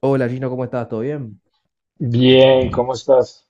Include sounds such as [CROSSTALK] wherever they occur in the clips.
Hola Gino, ¿cómo estás? ¿Todo bien? Bien, ¿cómo estás?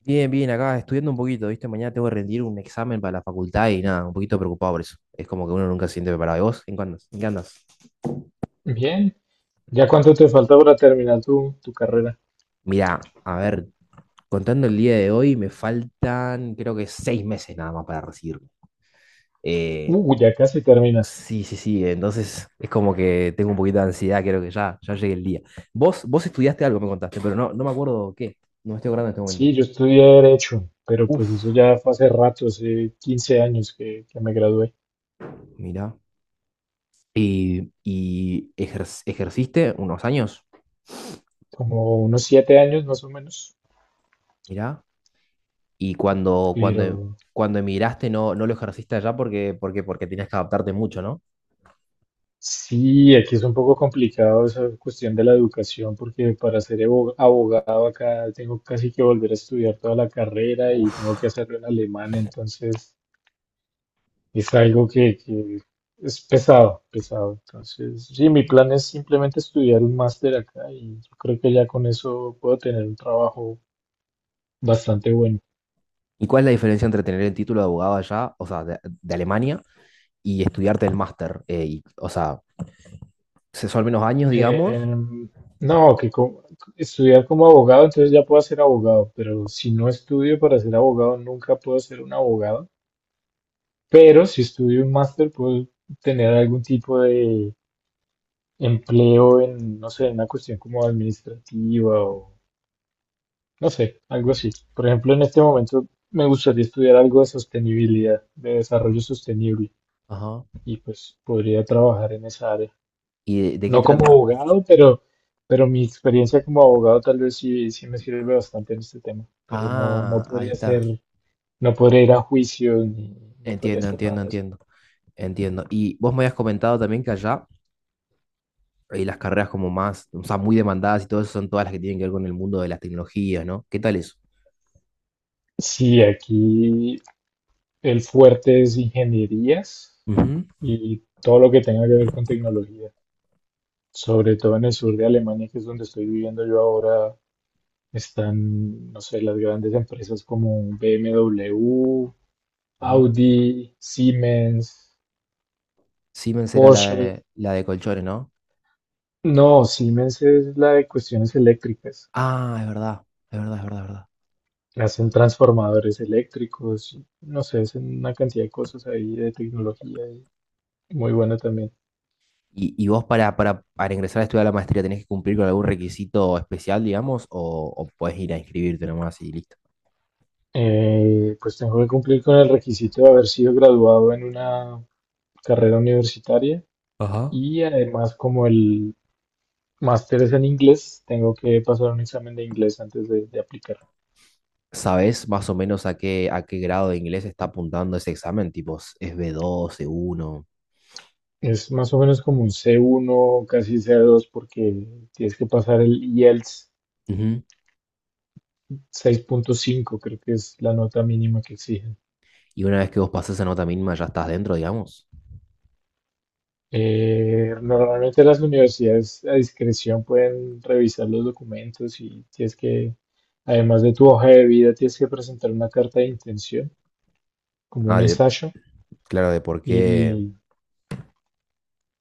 Bien, bien, acá estudiando un poquito, ¿viste? Mañana tengo que rendir un examen para la facultad y nada, un poquito preocupado por eso. Es como que uno nunca se siente preparado. ¿Y vos? ¿En qué andas? Bien. ¿Ya cuánto te falta para terminar tu carrera? Mirá, a ver, contando el día de hoy, me faltan creo que 6 meses nada más para recibirme. Eh, Ya casi terminas. sí, sí, sí, entonces es como que tengo un poquito de ansiedad, creo que ya llegue el día. Vos estudiaste algo, me contaste, pero no me acuerdo qué. No me estoy acordando en este momento. Sí, yo estudié Derecho, pero pues eso Uf, ya fue hace rato, hace 15 años que me gradué. mirá. ¿Y, ejerciste unos años? Como unos 7 años más o menos. Mirá. Y Pero cuando emigraste no lo ejerciste allá porque, porque tenías que adaptarte mucho, ¿no? sí, aquí es un poco complicado esa cuestión de la educación, porque para ser abogado acá tengo casi que volver a estudiar toda la carrera y tengo que Uf. hacerlo en alemán, entonces... Es algo que es pesado, pesado. Entonces, sí, mi plan es simplemente estudiar un máster acá y yo creo que ya con eso puedo tener un trabajo bastante bueno. ¿Y cuál es la diferencia entre tener el título de abogado allá, o sea, de Alemania, y estudiarte el máster? Y, o sea, son menos años, digamos. Em, no, estudiar como abogado, entonces ya puedo ser abogado, pero si no estudio para ser abogado, nunca puedo ser un abogado. Pero si estudio un máster, puedo tener algún tipo de empleo en, no sé, en una cuestión como administrativa. No sé, algo así. Por ejemplo, en este momento me gustaría estudiar algo de sostenibilidad, de desarrollo sostenible, Ajá. y pues podría trabajar en esa área. ¿Y de qué No como trata? abogado, pero mi experiencia como abogado tal vez sí, sí me sirve bastante en este tema, pero no, no Ah, ahí podría está. ser, no podría ir a juicio ni, ni podría Entiendo, hacer entiendo, nada de eso. entiendo. Entiendo. Y vos me habías comentado también que allá las carreras como más, o sea, muy demandadas y todo eso son todas las que tienen que ver con el mundo de las tecnologías, ¿no? ¿Qué tal eso? Sí, aquí el fuerte es ingenierías Ujú. y todo lo que tenga que ver con tecnología, sobre todo en el sur de Alemania, que es donde estoy viviendo yo ahora. Están, no sé, las grandes empresas como BMW, Ajá. Audi, Siemens, Siemens era Porsche. La de colchones, ¿no? No, Siemens es la de cuestiones eléctricas. Ah, es verdad, es verdad, es verdad, es verdad. Hacen transformadores eléctricos, y, no sé, hacen una cantidad de cosas ahí de tecnología y muy buena también. Y vos para ingresar a estudiar la maestría tenés que cumplir con algún requisito especial, digamos, o podés ir a inscribirte nomás y listo? Pues tengo que cumplir con el requisito de haber sido graduado en una carrera universitaria Ajá. y además como el máster es en inglés, tengo que pasar un examen de inglés antes de aplicar. ¿Sabés más o menos a qué grado de inglés está apuntando ese examen? Tipo, es B2 C1. Es más o menos como un C1, casi C2, porque tienes que pasar el IELTS Ujú. 6.5, creo que es la nota mínima que exigen. Y una vez que vos pasás esa nota mínima, ya estás dentro, digamos. Normalmente las universidades a discreción pueden revisar los documentos y tienes que, además de tu hoja de vida, tienes que presentar una carta de intención, como un Ah, de- ensayo. claro, de por qué. Y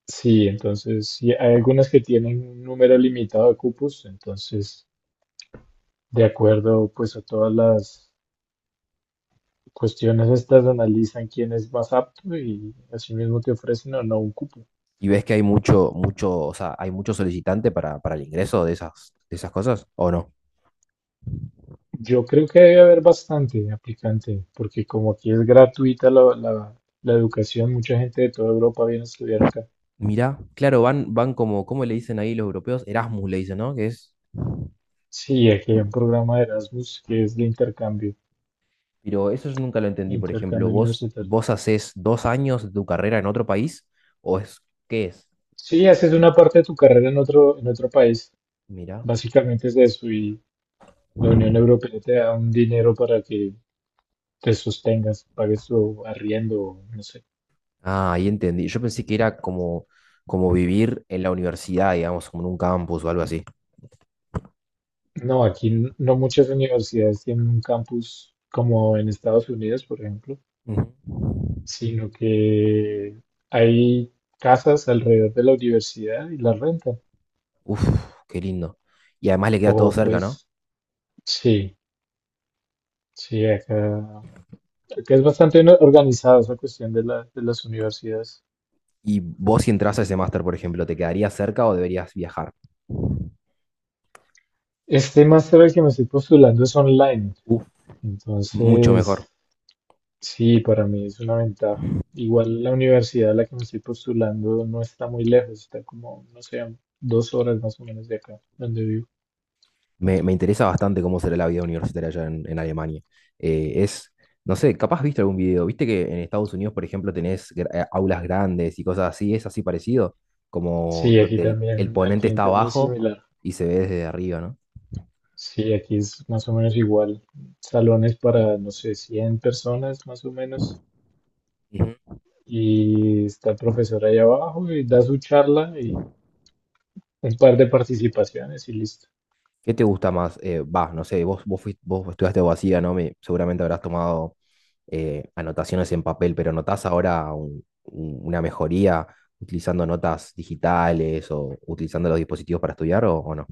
sí, entonces sí, hay algunas que tienen un número limitado de cupos, entonces de acuerdo pues a todas las cuestiones estas analizan quién es más apto y asimismo te ofrecen o no un cupo. Y ves que hay mucho, mucho, o sea, hay mucho solicitante para el ingreso de esas cosas, ¿o no? Yo creo que debe haber bastante aplicante, porque como aquí es gratuita la educación, mucha gente de toda Europa viene a estudiar acá. Mirá, claro, van, van como, ¿cómo le dicen ahí los europeos? Erasmus le dicen, ¿no? Que es, Sí, aquí hay un programa de Erasmus que es de intercambio, pero eso yo nunca lo entendí, por ejemplo, intercambio universitario. vos hacés 2 años de tu carrera en otro país? ¿O es, qué es? Sí, haces una parte de tu carrera en otro país, Mirá. básicamente es eso, y la Unión Europea te da un dinero para que te sostengas, pagues tu arriendo, no sé. Ah, ahí entendí. Yo pensé que era como, como vivir en la universidad, digamos, como en un campus o algo así. No, aquí no muchas universidades tienen un campus como en Estados Unidos, por ejemplo, Ujú. sino que hay casas alrededor de la universidad y la rentan. Uf, qué lindo. Y además le queda todo O cerca, ¿no? pues sí, sí, acá es bastante organizada esa cuestión de de las universidades. Y vos si entras a ese máster, por ejemplo, ¿te quedaría cerca o deberías viajar? Este máster al que me estoy postulando es online, Uf, mucho entonces mejor. sí, para mí es una ventaja. Igual la universidad a la que me estoy postulando no está muy lejos, está como, no sé, a 2 horas más o menos de acá, donde vivo. Me interesa bastante cómo será la vida universitaria allá en Alemania. Es, no sé, capaz viste algún video, viste que en Estados Unidos, por ejemplo, tenés aulas grandes y cosas así, es así parecido, como Sí, donde el ponente aquí está también es abajo similar. y se ve desde arriba, ¿no? Sí, aquí es más o menos igual. Salones para, no sé, 100 personas más o menos. Ujú. Y está el profesor ahí abajo y da su charla y un par de participaciones y listo. ¿Qué te gusta más? Va, no sé, vos estudiaste abogacía, ¿no? Seguramente habrás tomado anotaciones en papel, pero ¿notás ahora una mejoría utilizando notas digitales o utilizando los dispositivos para estudiar o no?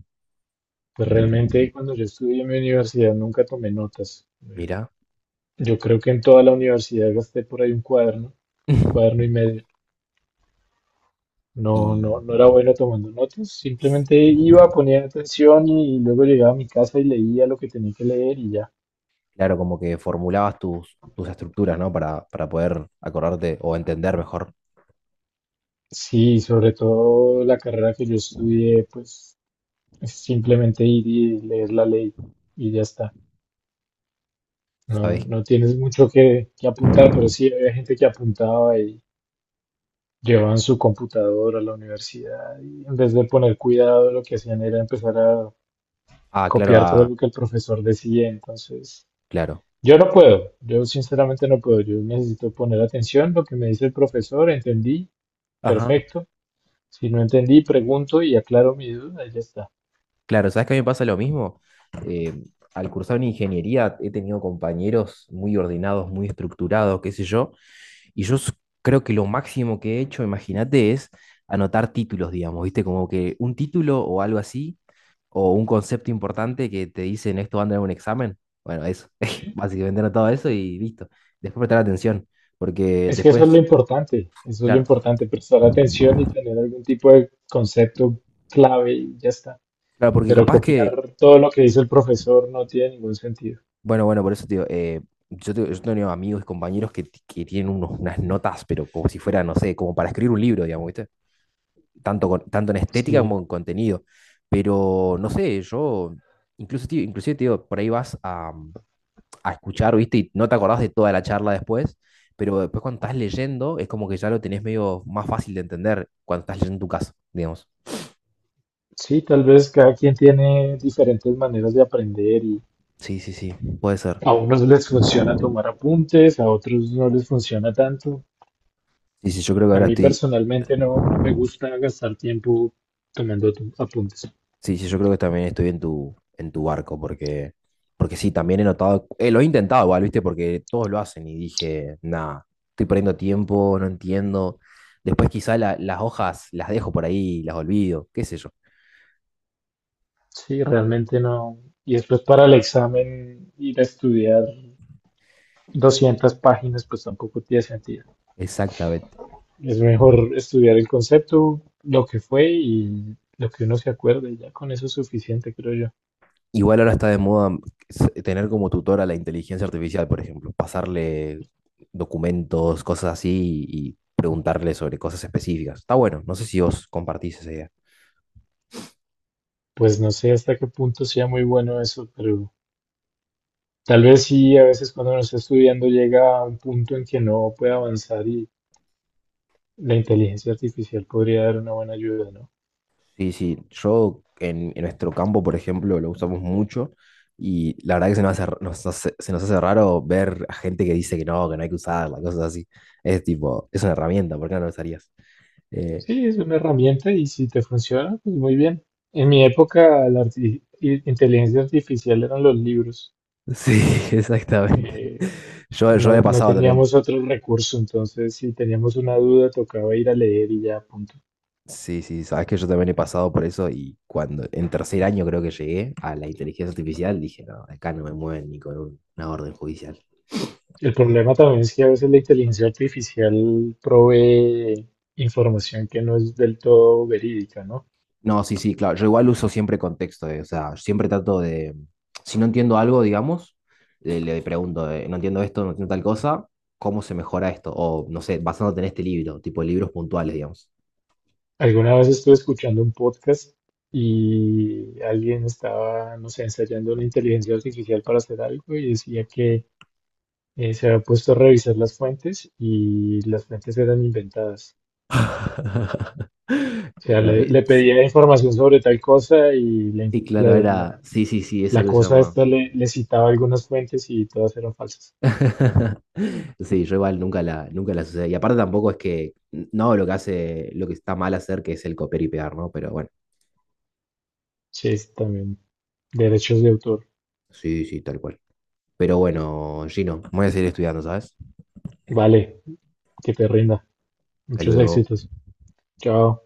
Pues realmente cuando yo estudié en mi universidad nunca tomé notas. Mira. Yo creo que en toda la universidad gasté por ahí un cuaderno, cuaderno y [LAUGHS] medio. Y No era bueno tomando notas, s- simplemente iba, ponía atención y luego llegaba a mi casa y leía lo que tenía que leer y ya. claro, como que formulabas tus, tus estructuras, ¿no? Para poder acordarte o entender mejor, Sí, sobre todo la carrera que yo estudié, pues es simplemente ir y leer la ley y ya está. No, ¿sabes? no tienes mucho que apuntar, pero sí había gente que apuntaba y llevaban su computadora a la universidad y en vez de poner cuidado lo que hacían era empezar a Ah, claro, copiar todo ah, lo que el profesor decía, entonces claro. yo no puedo, yo sinceramente no puedo, yo necesito poner atención lo que me dice el profesor, entendí, Ajá. perfecto, si no entendí, pregunto y aclaro mi duda y ya está. Claro, ¿sabes que a mí me pasa lo mismo? Eh, al cursar una ingeniería he tenido compañeros muy ordenados, muy estructurados, qué sé yo, y creo que lo máximo que he hecho, imagínate, es anotar títulos, digamos, ¿viste? Como que un título o algo así, o un concepto importante que te dicen esto va a andar en un examen. Bueno, eso, [LAUGHS] Sí. básicamente anotado eso y listo. Después prestar atención, porque Es que eso es lo importante, eso es lo claro, importante, prestar atención y tener algún tipo de concepto clave y ya está. claro, porque Pero capaz que copiar todo lo que dice el profesor no tiene ningún sentido. bueno, bueno, por eso, tío, yo, yo tengo amigos y compañeros que tienen unas notas, pero como si fuera, no sé, como para escribir un libro, digamos, ¿viste? Tanto, tanto en estética como Sí, en contenido. Pero, no sé, yo, incluso, tío, inclusive, tío, por ahí a escuchar, ¿viste? Y no te acordás de toda la charla después, pero después cuando estás leyendo es como que ya lo tenés medio más fácil de entender cuando estás leyendo tu caso, digamos. sí, tal vez cada quien tiene diferentes maneras de aprender y Sí, sí, sí, puede ser. a unos les funciona tomar apuntes, a otros no les funciona tanto. Sí, sí, yo creo que A ahora mí estoy... personalmente no, no me gusta gastar tiempo tomando apuntes. Sí, sí, yo creo que también estoy en tu barco, porque, porque sí, también he notado, lo he intentado igual, ¿viste? Porque todos lo hacen y dije, nada, estoy perdiendo tiempo, no entiendo. Después quizá las hojas las dejo por ahí, las olvido, qué sé yo. Sí, realmente no. Y después para el examen ir a estudiar 200 páginas, pues tampoco tiene sentido. Exactamente. Es mejor estudiar el concepto, lo que fue y lo que uno se acuerde. Ya con eso es suficiente, creo yo. Igual ahora está de moda tener como tutor a la inteligencia artificial, por ejemplo, pasarle documentos, cosas así y preguntarle sobre cosas específicas. Está bueno, no sé si vos compartís esa idea. Pues no sé hasta qué punto sea muy bueno eso, pero tal vez sí, a veces cuando uno está estudiando llega a un punto en que no puede avanzar y la inteligencia artificial podría dar una buena ayuda, ¿no? Sí, sí, yo en nuestro campo, por ejemplo, lo usamos mucho y la verdad que se nos hace raro ver a gente que dice que no hay que usarla, cosas así. Es tipo, es una herramienta, ¿por qué no la usarías? Eh, Sí, es una herramienta y si te funciona, pues muy bien. En mi época la inteligencia artificial eran los libros. sí, [LAUGHS] exactamente. Eh, Yo no, he no pasado también, teníamos otro recurso, entonces si teníamos una duda tocaba ir a leer y ya, punto. sí, sí, sabes que yo también he pasado por eso y cuando en tercer año creo que llegué a la inteligencia artificial dije, no, acá no me mueven ni con una orden judicial. El problema también es que a veces la inteligencia artificial provee información que no es del todo verídica, ¿no? No, sí, sí, claro. Yo igual uso siempre contexto, o sea, siempre trato de. Si no entiendo algo, digamos, le pregunto, no entiendo esto, no entiendo tal cosa, ¿cómo se mejora esto? O no sé, basándote en este libro, tipo libros puntuales, digamos. Alguna vez estuve escuchando un podcast y alguien estaba, no sé, ensayando la inteligencia artificial para hacer algo y decía que se había puesto a revisar las fuentes y las fuentes eran inventadas. [LAUGHS] O sea, Pero, le pedía información sobre tal cosa y la, y inf- claro, la- era. la- Sí, sí, sí, eso la creo que se cosa llama. esta le, le citaba algunas fuentes y todas eran falsas. [LAUGHS] Sí, yo igual nunca la sucede. Y aparte tampoco es que. No, hago lo que hace, lo que está mal hacer, que es el copiar y pegar, ¿no? Pero bueno, Sí, es también derechos de autor. sí, sí, tal cual. Pero bueno, Gino, me voy a seguir estudiando, ¿sabes? Vale, que te rinda. Hasta Muchos luego. éxitos. Chao.